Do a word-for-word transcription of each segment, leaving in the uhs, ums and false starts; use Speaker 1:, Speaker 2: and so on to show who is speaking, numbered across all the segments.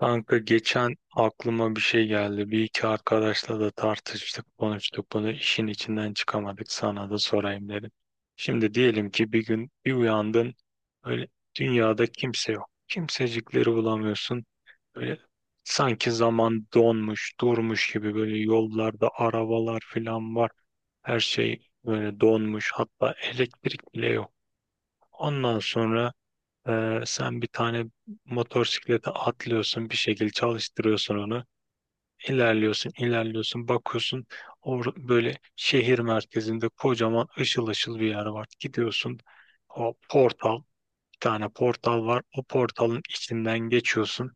Speaker 1: Kanka geçen aklıma bir şey geldi. Bir iki arkadaşla da tartıştık, konuştuk bunu. İşin içinden çıkamadık. Sana da sorayım dedim. Şimdi diyelim ki bir gün bir uyandın. Böyle dünyada kimse yok. Kimsecikleri bulamıyorsun. Böyle sanki zaman donmuş, durmuş gibi böyle yollarda arabalar falan var. Her şey böyle donmuş. Hatta elektrik bile yok. Ondan sonra ee, sen bir tane motosiklete atlıyorsun, bir şekilde çalıştırıyorsun onu. İlerliyorsun, ilerliyorsun, bakıyorsun. Or böyle şehir merkezinde kocaman ışıl ışıl bir yer var. Gidiyorsun, o portal, bir tane portal var. O portalın içinden geçiyorsun.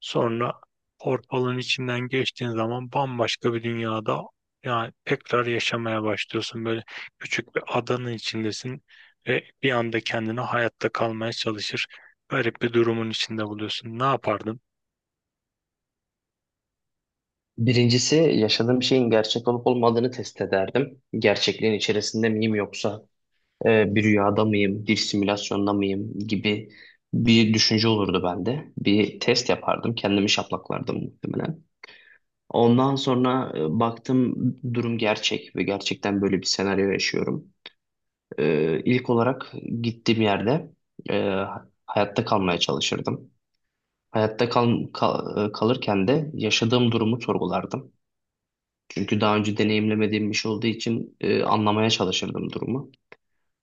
Speaker 1: Sonra portalın içinden geçtiğin zaman bambaşka bir dünyada yani tekrar yaşamaya başlıyorsun. Böyle küçük bir adanın içindesin ve bir anda kendini hayatta kalmaya çalışır. Garip bir durumun içinde buluyorsun. Ne yapardın?
Speaker 2: Birincisi yaşadığım şeyin gerçek olup olmadığını test ederdim. Gerçekliğin içerisinde miyim yoksa e, bir rüyada mıyım, bir simülasyonda mıyım gibi bir düşünce olurdu bende. Bir test yapardım, kendimi şaplaklardım muhtemelen. Ondan sonra e, baktım durum gerçek ve gerçekten böyle bir senaryo yaşıyorum. E, ilk olarak gittiğim yerde e, hayatta kalmaya çalışırdım. Hayatta kal kal- e, Kalırken de yaşadığım durumu sorgulardım. Çünkü daha önce deneyimlemediğim bir şey olduğu için e, anlamaya çalışırdım durumu.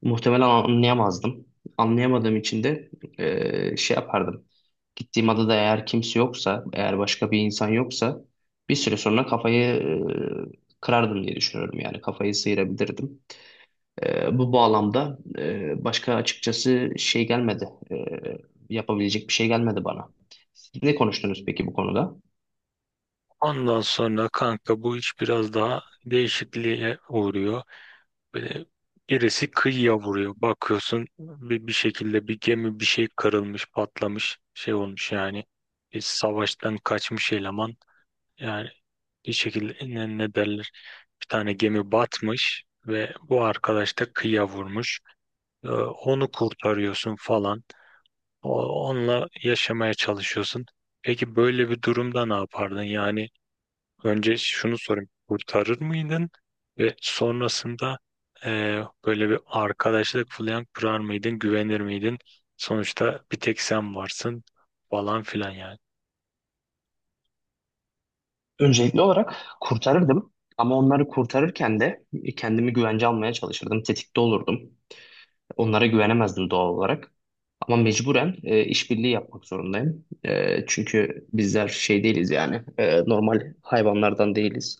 Speaker 2: Muhtemelen anlayamazdım. Anlayamadığım için de e, şey yapardım. Gittiğim adada eğer kimse yoksa, eğer başka bir insan yoksa bir süre sonra kafayı e, kırardım diye düşünüyorum. Yani kafayı sıyırabilirdim. E, bu bağlamda e, başka açıkçası şey gelmedi. E, yapabilecek bir şey gelmedi bana. Siz ne konuştunuz peki bu konuda?
Speaker 1: Ondan sonra kanka bu iş biraz daha değişikliğe uğruyor. Böyle birisi kıyıya vuruyor. Bakıyorsun bir, bir şekilde bir gemi bir şey kırılmış, patlamış, şey olmuş yani. Bir savaştan kaçmış eleman. Yani bir şekilde ne, ne derler bir tane gemi batmış ve bu arkadaş da kıyıya vurmuş. Ee, onu kurtarıyorsun falan. O, onunla yaşamaya çalışıyorsun. Peki böyle bir durumda ne yapardın? Yani önce şunu sorayım. Kurtarır mıydın? Ve sonrasında e, böyle bir arkadaşlık falan kurar mıydın? Güvenir miydin? Sonuçta bir tek sen varsın falan filan yani.
Speaker 2: Öncelikli olarak kurtarırdım ama onları kurtarırken de kendimi güvence almaya çalışırdım. Tetikte olurdum. Onlara güvenemezdim doğal olarak. Ama mecburen e, işbirliği yapmak zorundayım. E, çünkü bizler şey değiliz yani e, normal hayvanlardan değiliz.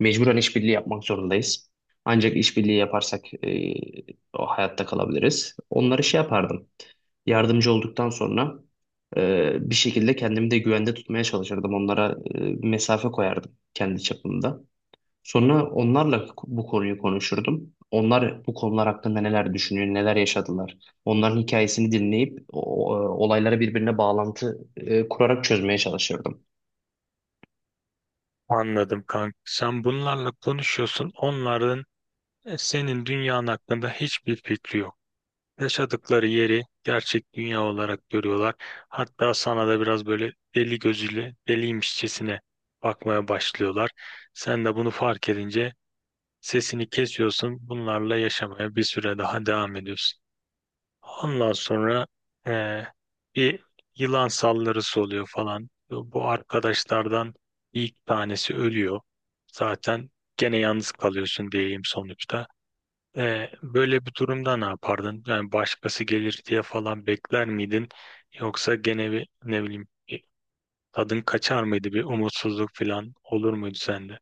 Speaker 2: Mecburen işbirliği yapmak zorundayız. Ancak işbirliği yaparsak e, o hayatta kalabiliriz. Onları şey yapardım. Yardımcı olduktan sonra e, bir şekilde kendimi de güvende tutmaya çalışırdım. Onlara e, mesafe koyardım kendi çapımda. Sonra onlarla bu konuyu konuşurdum. Onlar bu konular hakkında neler düşünüyor, neler yaşadılar. Onların hikayesini dinleyip o- o- olayları birbirine bağlantı e, kurarak çözmeye çalışırdım.
Speaker 1: Anladım kanka. Sen bunlarla konuşuyorsun. Onların E, senin dünyanın hakkında hiçbir fikri yok. Yaşadıkları yeri gerçek dünya olarak görüyorlar. Hatta sana da biraz böyle deli gözüyle, deliymişçesine bakmaya başlıyorlar. Sen de bunu fark edince sesini kesiyorsun. Bunlarla yaşamaya bir süre daha devam ediyorsun. Ondan sonra e, bir yılan saldırısı oluyor falan. Bu arkadaşlardan ilk tanesi ölüyor. Zaten gene yalnız kalıyorsun diyeyim sonuçta. E, böyle bir durumda ne yapardın? Yani başkası gelir diye falan bekler miydin? Yoksa gene bir ne bileyim bir tadın kaçar mıydı? Bir umutsuzluk falan olur muydu sende?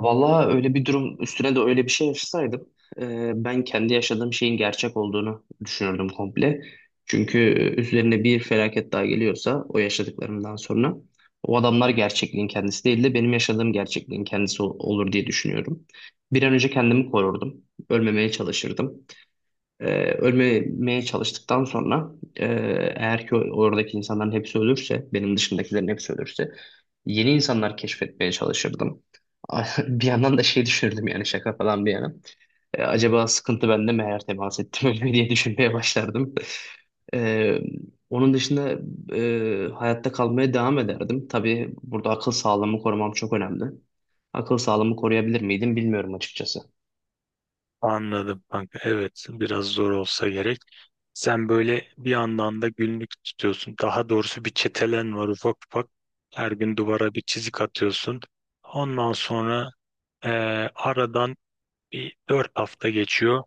Speaker 2: Vallahi öyle bir durum üstüne de öyle bir şey yaşasaydım e, ben kendi yaşadığım şeyin gerçek olduğunu düşünürdüm komple. Çünkü e, üzerine bir felaket daha geliyorsa o yaşadıklarımdan sonra o adamlar gerçekliğin kendisi değil de benim yaşadığım gerçekliğin kendisi ol- olur diye düşünüyorum. Bir an önce kendimi korurdum. Ölmemeye çalışırdım. Ee, Ölmemeye çalıştıktan sonra e, eğer ki oradaki insanların hepsi ölürse, benim dışındakilerin hepsi ölürse yeni insanlar keşfetmeye çalışırdım. Bir yandan da şey düşünürdüm yani şaka falan bir yana. Ee, acaba sıkıntı bende mi eğer temas ettim ölüme diye düşünmeye başlardım. Ee, Onun dışında e, hayatta kalmaya devam ederdim. Tabii burada akıl sağlığımı korumam çok önemli. Akıl sağlığımı koruyabilir miydim bilmiyorum açıkçası.
Speaker 1: Anladım kanka. Evet biraz zor olsa gerek. Sen böyle bir yandan da günlük tutuyorsun. Daha doğrusu bir çetelen var ufak ufak. Her gün duvara bir çizik atıyorsun. Ondan sonra e, aradan bir dört hafta geçiyor.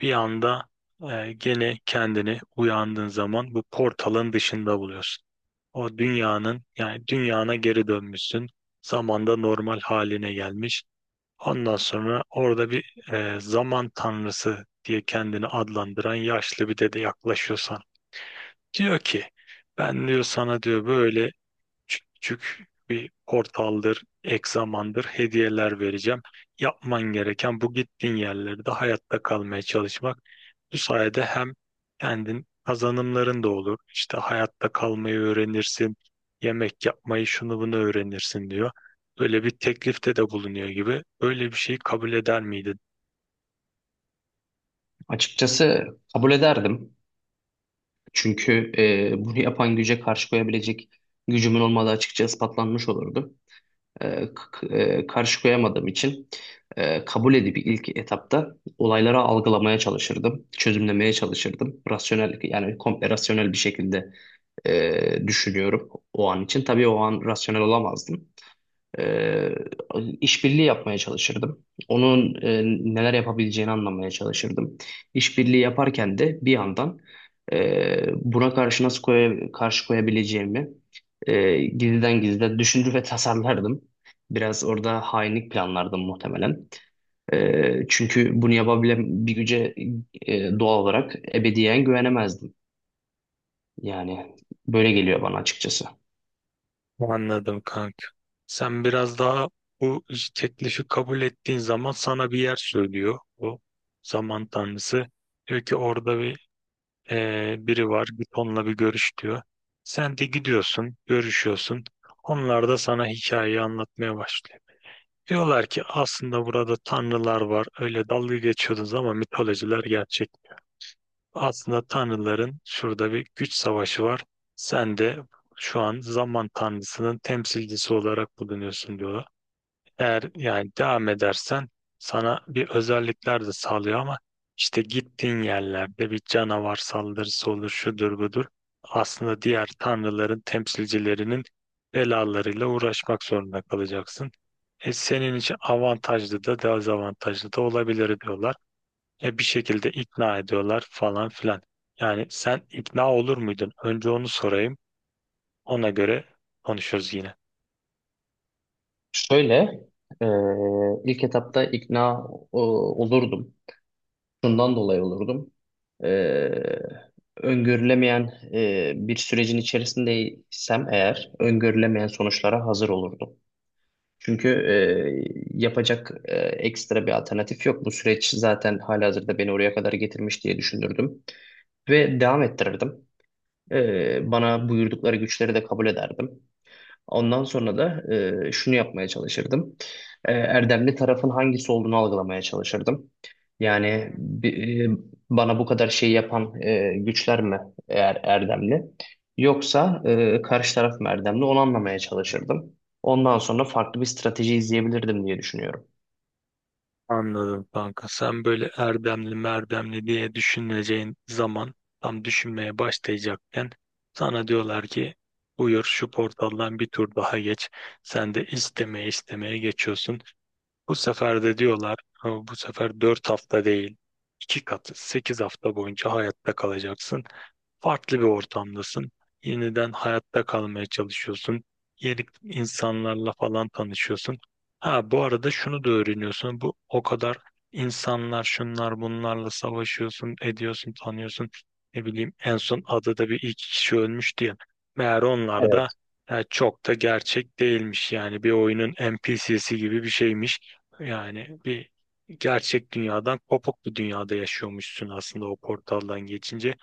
Speaker 1: Bir anda e, gene kendini uyandığın zaman bu portalın dışında buluyorsun. O dünyanın yani dünyana geri dönmüşsün. Zamanda normal haline gelmiş. Ondan sonra orada bir e, zaman tanrısı diye kendini adlandıran yaşlı bir dede yaklaşıyorsan. Diyor ki ben diyor sana diyor böyle küçük bir portaldır, egzamandır, hediyeler vereceğim. Yapman gereken bu gittiğin yerlerde hayatta kalmaya çalışmak. Bu sayede hem kendin kazanımların da olur. İşte hayatta kalmayı öğrenirsin, yemek yapmayı şunu bunu öğrenirsin diyor. Böyle bir teklifte de bulunuyor gibi. Böyle bir şeyi kabul eder miydin?
Speaker 2: Açıkçası kabul ederdim. Çünkü e, bunu yapan güce karşı koyabilecek gücümün olmadığı açıkça ispatlanmış olurdu. E, k- e, Karşı koyamadığım için e, kabul edip ilk etapta olayları algılamaya çalışırdım, çözümlemeye çalışırdım. Rasyonel yani komple rasyonel bir şekilde e, düşünüyorum o an için. Tabii o an rasyonel olamazdım. Ee, işbirliği yapmaya çalışırdım. Onun e, neler yapabileceğini anlamaya çalışırdım. İşbirliği yaparken de bir yandan e, buna karşı nasıl koya- karşı koyabileceğimi e, gizliden gizlide düşünür ve tasarlardım. Biraz orada hainlik planlardım muhtemelen. E, çünkü bunu yapabilen bir güce e, doğal olarak ebediyen güvenemezdim. Yani böyle geliyor bana açıkçası.
Speaker 1: Anladım kanka. Sen biraz daha bu teklifi kabul ettiğin zaman sana bir yer söylüyor bu zaman tanrısı. Diyor ki orada bir eee, biri var git onunla bir görüş diyor. Sen de gidiyorsun, görüşüyorsun. Onlar da sana hikayeyi anlatmaya başlıyor. Diyorlar ki aslında burada tanrılar var. Öyle dalga geçiyordunuz ama mitolojiler gerçek. Aslında tanrıların şurada bir güç savaşı var. Sen de şu an zaman tanrısının temsilcisi olarak bulunuyorsun diyorlar. Eğer yani devam edersen sana bir özellikler de sağlıyor ama işte gittiğin yerlerde bir canavar saldırısı olur, şudur budur. Aslında diğer tanrıların temsilcilerinin belalarıyla uğraşmak zorunda kalacaksın. E senin için avantajlı da dezavantajlı da olabilir diyorlar. E bir şekilde ikna ediyorlar falan filan. Yani sen ikna olur muydun? Önce onu sorayım. Ona göre konuşuruz yine.
Speaker 2: Şöyle, e, ilk etapta ikna e, olurdum. Şundan dolayı olurdum. E, Öngörülemeyen e, bir sürecin içerisindeysem eğer, öngörülemeyen sonuçlara hazır olurdum. Çünkü e, yapacak e, ekstra bir alternatif yok. Bu süreç zaten halihazırda beni oraya kadar getirmiş diye düşünürdüm. Ve devam ettirirdim. E, bana buyurdukları güçleri de kabul ederdim. Ondan sonra da e, şunu yapmaya çalışırdım. E, erdemli tarafın hangisi olduğunu algılamaya çalışırdım. Yani bi- e, bana bu kadar şey yapan e, güçler mi eğer erdemli? Yoksa e, karşı taraf mı erdemli? Onu anlamaya çalışırdım. Ondan sonra farklı bir strateji izleyebilirdim diye düşünüyorum.
Speaker 1: Anladım kanka. Sen böyle erdemli merdemli diye düşüneceğin zaman tam düşünmeye başlayacakken sana diyorlar ki buyur şu portaldan bir tur daha geç. Sen de istemeye istemeye geçiyorsun. Bu sefer de diyorlar "Ha, bu sefer dört hafta değil iki katı sekiz hafta boyunca hayatta kalacaksın. Farklı bir ortamdasın. Yeniden hayatta kalmaya çalışıyorsun. Yeni insanlarla falan tanışıyorsun. Ha bu arada şunu da öğreniyorsun. Bu o kadar insanlar şunlar bunlarla savaşıyorsun, ediyorsun, tanıyorsun. Ne bileyim en son adada bir iki kişi ölmüş diye. Meğer onlar da
Speaker 2: Evet.
Speaker 1: e, çok da gerçek değilmiş. Yani bir oyunun N P C'si gibi bir şeymiş. Yani bir gerçek dünyadan kopuk bir dünyada yaşıyormuşsun aslında o portaldan geçince.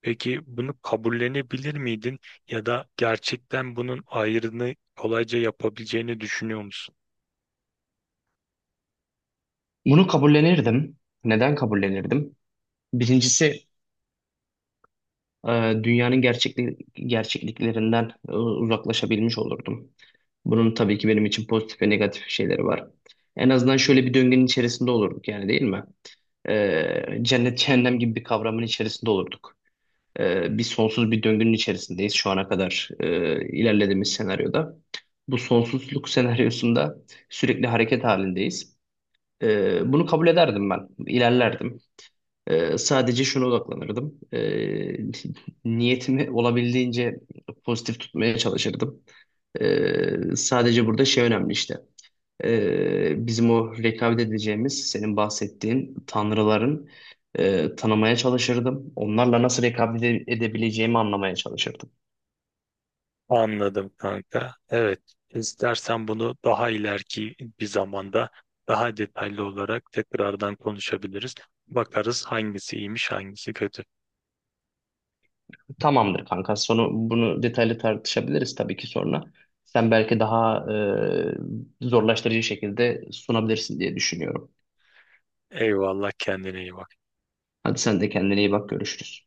Speaker 1: Peki bunu kabullenebilir miydin ya da gerçekten bunun ayrını kolayca yapabileceğini düşünüyor musun?
Speaker 2: Bunu kabullenirdim. Neden kabullenirdim? Birincisi e, dünyanın gerçekli gerçekliklerinden e, uzaklaşabilmiş olurdum. Bunun tabii ki benim için pozitif ve negatif şeyleri var. En azından şöyle bir döngünün içerisinde olurduk yani değil mi? E, cennet cehennem gibi bir kavramın içerisinde olurduk. E, bir Sonsuz bir döngünün içerisindeyiz şu ana kadar e, ilerlediğimiz senaryoda. Bu sonsuzluk senaryosunda sürekli hareket halindeyiz. E, bunu kabul ederdim ben, ilerlerdim. Ee, sadece şuna odaklanırdım. Ee, niyetimi olabildiğince pozitif tutmaya çalışırdım. Ee, sadece burada şey önemli işte. Ee, bizim o rekabet edeceğimiz, senin bahsettiğin tanrıların e, tanımaya çalışırdım. Onlarla nasıl rekabet ede- edebileceğimi anlamaya çalışırdım.
Speaker 1: Anladım kanka. Evet. istersen bunu daha ileriki bir zamanda daha detaylı olarak tekrardan konuşabiliriz. Bakarız hangisi iyiymiş, hangisi kötü.
Speaker 2: Tamamdır kanka. Sonu bunu detaylı tartışabiliriz tabii ki sonra. Sen belki daha e, zorlaştırıcı şekilde sunabilirsin diye düşünüyorum.
Speaker 1: Eyvallah kendine iyi bak.
Speaker 2: Hadi sen de kendine iyi bak, görüşürüz.